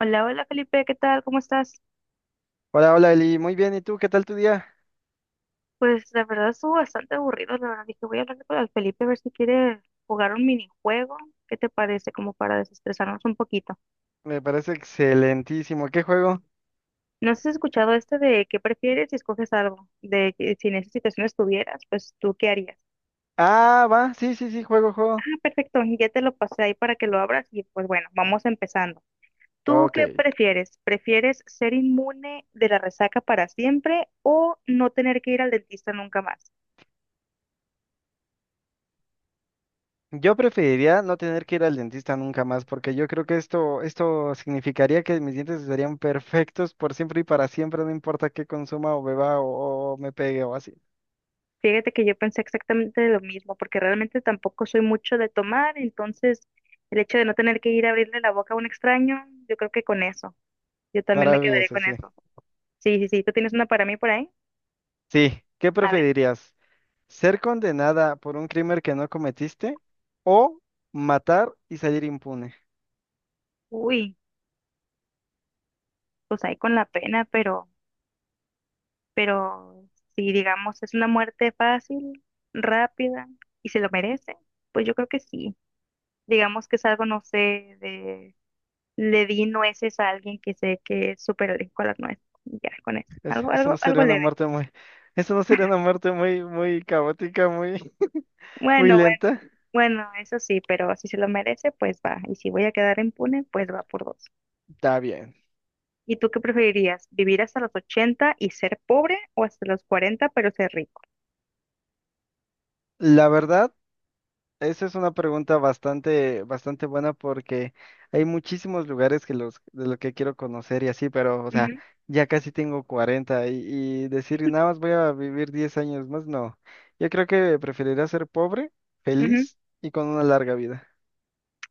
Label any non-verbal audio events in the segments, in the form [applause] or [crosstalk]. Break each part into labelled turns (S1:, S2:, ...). S1: Hola, hola Felipe, ¿qué tal? ¿Cómo estás?
S2: Hola, hola Eli, muy bien, ¿y tú? ¿Qué tal tu día?
S1: Pues la verdad estuvo bastante aburrido, la verdad dije voy a hablar con el Felipe a ver si quiere jugar un minijuego. ¿Qué te parece? Como para desestresarnos un poquito.
S2: Me parece excelentísimo, ¿qué juego?
S1: ¿No has escuchado este de qué prefieres si escoges algo? De que si en esa situación estuvieras, pues tú qué harías.
S2: Ah, va, sí, sí, sí, juego.
S1: Ah, perfecto, ya te lo pasé ahí para que lo abras y pues bueno, vamos empezando. ¿Tú
S2: Ok,
S1: qué prefieres? ¿Prefieres ser inmune de la resaca para siempre o no tener que ir al dentista nunca más?
S2: yo preferiría no tener que ir al dentista nunca más, porque yo creo que esto significaría que mis dientes estarían perfectos por siempre y para siempre, no importa qué consuma o beba o me pegue o así.
S1: Fíjate que yo pensé exactamente lo mismo, porque realmente tampoco soy mucho de tomar, entonces el hecho de no tener que ir a abrirle la boca a un extraño, yo creo que con eso, yo también me quedaría
S2: Maravilloso,
S1: con
S2: sí.
S1: eso. Sí, sí, sí, ¿tú tienes una para mí por ahí?
S2: Sí, ¿qué
S1: A ver,
S2: preferirías? ¿Ser condenada por un crimen que no cometiste o matar y salir impune?
S1: uy, pues ahí con la pena, pero si digamos es una muerte fácil, rápida y se lo merece, pues yo creo que sí. Digamos que es algo, no sé, de le di nueces a alguien que sé que es súper alcohólico a las nueces. Ya, con eso. Algo,
S2: Eso no
S1: algo, algo
S2: sería una
S1: leve.
S2: muerte muy, [laughs] eso no sería una muerte muy caótica, [laughs] muy
S1: Bueno, bueno,
S2: lenta.
S1: bueno, eso sí, pero si se lo merece, pues va. Y si voy a quedar impune, pues va por dos.
S2: Está bien.
S1: ¿Y tú qué preferirías? ¿Vivir hasta los 80 y ser pobre o hasta los 40 pero ser rico?
S2: La verdad, esa es una pregunta bastante buena porque hay muchísimos lugares de los que quiero conocer y así, pero, o sea,
S1: Ujú,
S2: ya casi tengo 40 y decir nada más voy a vivir 10 años más, no. Yo creo que preferiría ser pobre,
S1: ujú.
S2: feliz y con una larga vida. [laughs]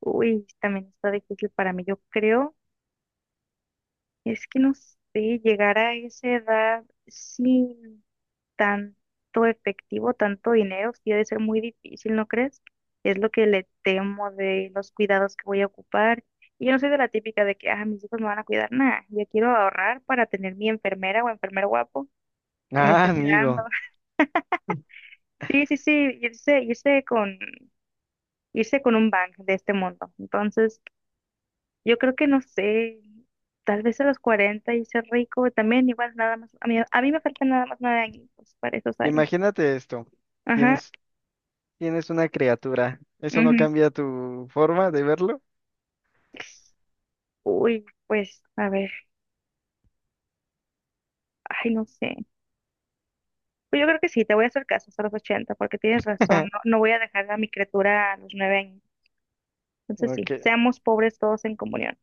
S1: Uy, también está difícil para mí. Yo creo, es que no sé, llegar a esa edad, sí. Tanto efectivo, tanto dinero, sí debe ser muy difícil, ¿no crees? Es lo que le temo de los cuidados que voy a ocupar. Y yo no soy de la típica de que, ah, mis hijos me van a cuidar, nada, yo quiero ahorrar para tener mi enfermera o enfermero guapo que me
S2: Ah,
S1: esté cuidando.
S2: amigo,
S1: [laughs] Sí, sí, sí, irse, irse con, irse con un bank de este mundo. Entonces, yo creo que no sé, tal vez a los 40 y ser rico también, igual nada más, a mí me faltan nada más 9 años para esos años.
S2: imagínate esto.
S1: Ajá.
S2: Tienes Tienes una criatura. ¿Eso no
S1: Ujú.
S2: cambia tu forma de verlo?
S1: Uy, pues, a ver, ay, no sé. Pues yo creo que sí, te voy a hacer caso a los 80 porque tienes razón, no,
S2: [laughs]
S1: no voy a dejar a mi criatura a los 9 años. Entonces sí,
S2: Ok.
S1: seamos pobres todos en comunión.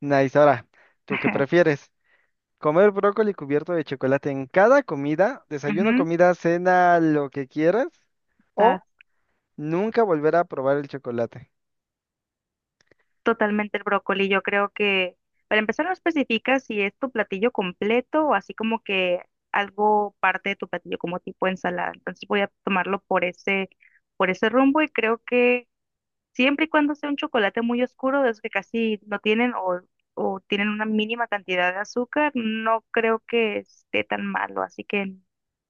S2: Nice. Ahora, ¿tú qué
S1: [laughs]
S2: prefieres? ¿Comer brócoli cubierto de chocolate en cada comida? ¿Desayuno,
S1: Ujú,
S2: comida, cena, lo que quieras? ¿O
S1: está
S2: nunca volver a probar el chocolate?
S1: totalmente el brócoli, yo creo que, para empezar, no especifica si es tu platillo completo o así como que algo parte de tu platillo como tipo ensalada. Entonces voy a tomarlo por ese rumbo y creo que siempre y cuando sea un chocolate muy oscuro, de esos que casi no tienen o tienen una mínima cantidad de azúcar, no creo que esté tan malo, así que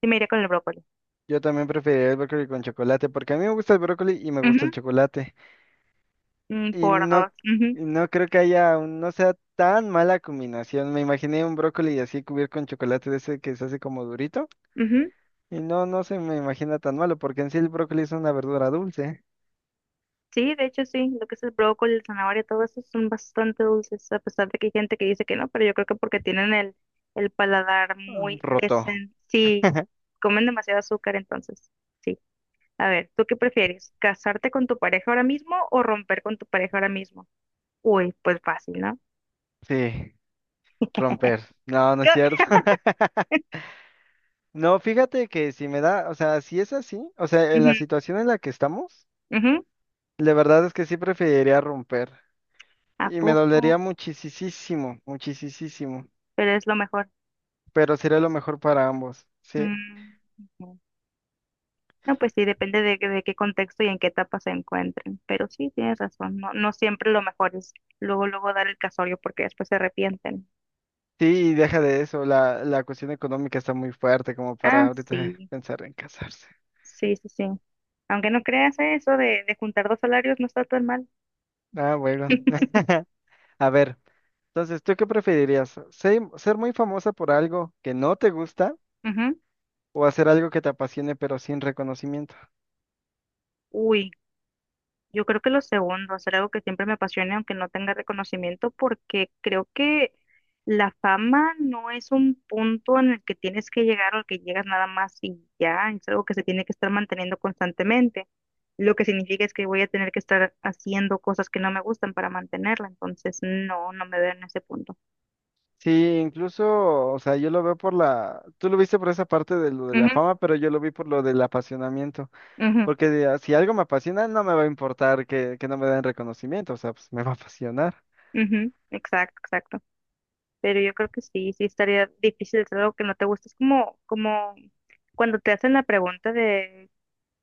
S1: sí me iría con el brócoli.
S2: Yo también preferiría el brócoli con chocolate porque a mí me gusta el brócoli y me
S1: Ujú,
S2: gusta el chocolate.
S1: mm,
S2: Y
S1: por
S2: no,
S1: dos. Ujú,
S2: y no creo que no sea tan mala combinación. Me imaginé un brócoli así cubierto con chocolate de ese que se hace como durito.
S1: ujú.
S2: Y no, no se me imagina tan malo, porque en sí el brócoli es una verdura dulce.
S1: Sí, de hecho sí, lo que es el brócoli, el zanahoria, todo eso son bastante dulces, a pesar de que hay gente que dice que no, pero yo creo que porque tienen el paladar
S2: Ah,
S1: muy
S2: roto.
S1: desen... Sí, comen demasiado azúcar entonces. Sí. A ver, ¿tú qué prefieres? ¿Casarte con tu pareja ahora mismo o romper con tu pareja ahora mismo? Uy, pues fácil, ¿no?
S2: Sí, romper. No, no es
S1: Yo-
S2: cierto.
S1: [laughs]
S2: [laughs] No, fíjate que si me da, o sea, si es así, o sea, en
S1: Ujú,
S2: la situación en la que estamos,
S1: ujú,
S2: la verdad es que sí preferiría romper.
S1: ¿a
S2: Y me
S1: poco?
S2: dolería muchísimo, muchísimo.
S1: Pero es lo mejor.
S2: Pero sería lo mejor para ambos. Sí,
S1: Mm, ujú. No, pues sí, depende de qué contexto y en qué etapa se encuentren. Pero sí, tienes razón. No, no siempre lo mejor es luego, luego dar el casorio porque después se arrepienten.
S2: sí, y deja de eso. La cuestión económica está muy fuerte como para
S1: Ah,
S2: ahorita
S1: sí.
S2: pensar en casarse.
S1: Sí, sí, sí. Aunque no creas eso de juntar dos salarios no está tan mal.
S2: Ah, bueno. [laughs] A ver. Entonces, ¿tú qué preferirías? Ser muy famosa por algo que no te gusta
S1: Ujú.
S2: o hacer algo que te apasione pero sin reconocimiento?
S1: Uy, yo creo que lo segundo, hacer algo que siempre me apasione, aunque no tenga reconocimiento, porque creo que la fama no es un punto en el que tienes que llegar o al que llegas nada más y ya, es algo que se tiene que estar manteniendo constantemente, lo que significa es que voy a tener que estar haciendo cosas que no me gustan para mantenerla, entonces no, no me veo en ese punto.
S2: Sí, incluso, o sea, yo lo veo por la, tú lo viste por esa parte de lo de la
S1: Ujú,
S2: fama, pero yo lo vi por lo del apasionamiento,
S1: ujú,
S2: porque si algo me apasiona, no me va a importar que no me den reconocimiento, o sea, pues me va a apasionar.
S1: ujú, exacto, exacto. Pero yo creo que sí, sí estaría difícil hacer algo que no te gusta, es como, como cuando te hacen la pregunta de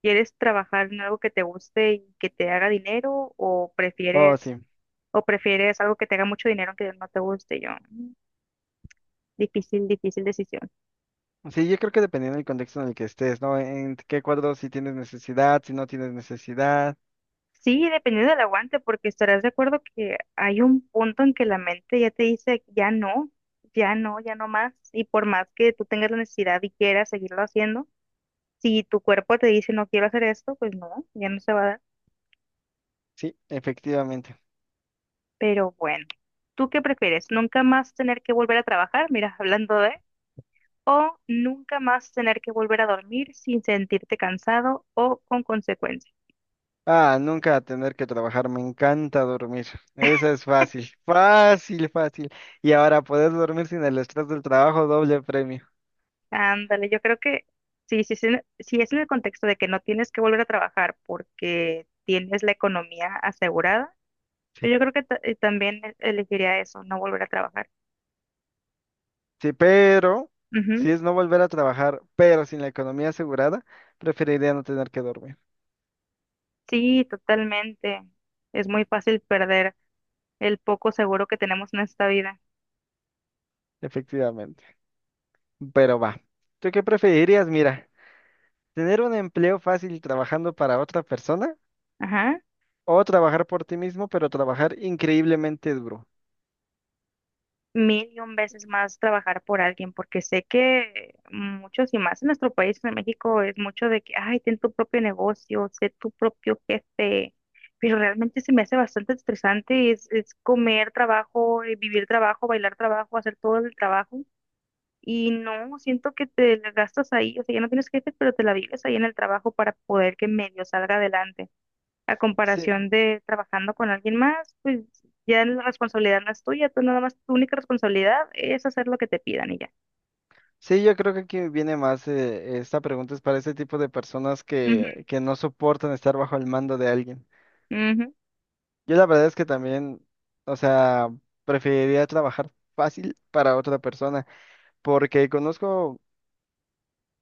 S1: ¿quieres trabajar en algo que te guste y que te haga dinero
S2: Oh, sí.
S1: o prefieres algo que te haga mucho dinero aunque no te guste? Y yo, "Mm, difícil, difícil decisión".
S2: Sí, yo creo que dependiendo del contexto en el que estés, ¿no? En qué cuadro, si tienes necesidad, si no tienes necesidad.
S1: Sí, dependiendo del aguante, porque estarás de acuerdo que hay un punto en que la mente ya te dice, ya no, ya no, ya no más. Y por más que tú tengas la necesidad y quieras seguirlo haciendo, si tu cuerpo te dice, no quiero hacer esto, pues no, ya no se va a dar.
S2: Sí, efectivamente.
S1: Pero bueno, ¿tú qué prefieres? ¿Nunca más tener que volver a trabajar? Mira, [laughs] hablando de... o nunca más tener que volver a dormir sin sentirte cansado o con consecuencias.
S2: Ah, nunca tener que trabajar, me encanta dormir. Eso es fácil, fácil, fácil. Y ahora poder dormir sin el estrés del trabajo, doble premio.
S1: Ándale, yo creo que sí, sí, sí, si es en el contexto de que no tienes que volver a trabajar porque tienes la economía asegurada,
S2: Sí.
S1: pues yo creo que ta- también e- elegiría eso, no volver a trabajar.
S2: Sí, pero
S1: Ujú.
S2: si es no volver a trabajar, pero sin la economía asegurada, preferiría no tener que dormir,
S1: Sí, totalmente. Es muy fácil perder el poco seguro que tenemos en esta vida.
S2: efectivamente. Pero va. ¿Tú qué preferirías? Mira, tener un empleo fácil trabajando para otra persona
S1: Ajá.
S2: o trabajar por ti mismo, pero trabajar increíblemente duro.
S1: Mil y un veces más trabajar por alguien, porque sé que muchos y más en nuestro país, en México, es mucho de que, ay, ten tu propio negocio, sé tu propio jefe, pero realmente se me hace bastante estresante, es comer trabajo, vivir trabajo, bailar trabajo, hacer todo el trabajo, y no, siento que te la gastas ahí, o sea, ya no tienes jefe, pero te la vives ahí en el trabajo para poder que medio salga adelante a
S2: Sí,
S1: comparación de trabajando con alguien más, pues ya la responsabilidad no es tuya, tú nada más, tu única responsabilidad es hacer lo que te pidan y ya.
S2: sí, yo creo que aquí viene más, esta pregunta es para ese tipo de personas
S1: Ujú,
S2: que no soportan estar bajo el mando de alguien.
S1: ujú,
S2: Yo la verdad es que también, o sea, preferiría trabajar fácil para otra persona, porque conozco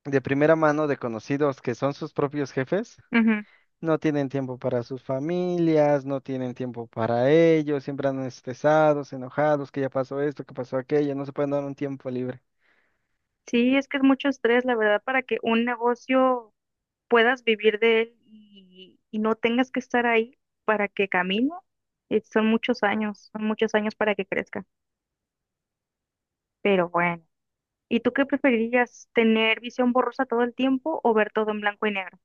S2: de primera mano de conocidos que son sus propios jefes,
S1: ujú.
S2: no tienen tiempo para sus familias, no tienen tiempo para ellos, siempre andan estresados, enojados, que ya pasó esto, que pasó aquello, no se pueden dar un tiempo libre.
S1: Sí, es que es mucho estrés, la verdad, para que un negocio puedas vivir de él y no tengas que estar ahí para que camine. Son muchos años para que crezca, pero bueno. ¿Y tú qué preferirías, tener visión borrosa todo el tiempo o ver todo en blanco y negro?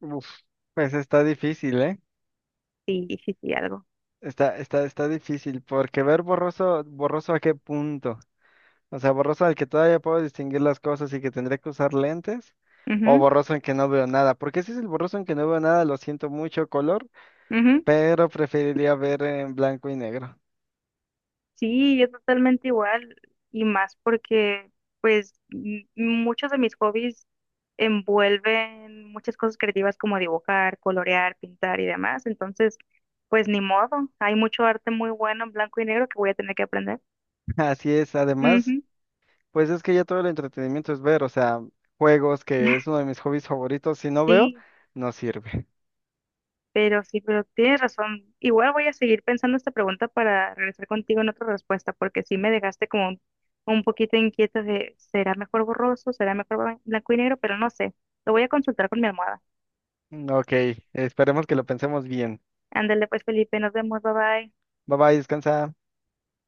S2: Uf, pues está difícil, ¿eh?
S1: Sí, sí, sí, algo.
S2: Está difícil, porque ver borroso, borroso a qué punto. O sea, borroso al que todavía puedo distinguir las cosas y que tendré que usar lentes, o
S1: Ujú,
S2: borroso en que no veo nada. Porque si es el borroso en que no veo nada, lo siento mucho color,
S1: ujú.
S2: pero preferiría ver en blanco y negro.
S1: Sí, yo totalmente igual y más porque pues m- muchos de mis hobbies envuelven muchas cosas creativas como dibujar, colorear, pintar y demás. Entonces, pues ni modo, hay mucho arte muy bueno en blanco y negro que voy a tener que aprender.
S2: [laughs] Así es, además,
S1: Ujú.
S2: pues es que ya todo el entretenimiento es ver, o sea, juegos, que es uno
S1: [laughs]
S2: de mis hobbies favoritos, si no veo,
S1: Sí,
S2: no sirve.
S1: pero sí, pero tienes razón. Igual voy a seguir pensando esta pregunta para regresar contigo en otra respuesta, porque sí me dejaste como un poquito inquieta de, ¿será mejor borroso? ¿Será mejor blan- blanco y negro? Pero no sé. Lo voy a consultar con mi almohada.
S2: Ok, esperemos que lo pensemos bien.
S1: Ándale pues, Felipe, nos vemos, bye bye.
S2: Bye bye, descansa.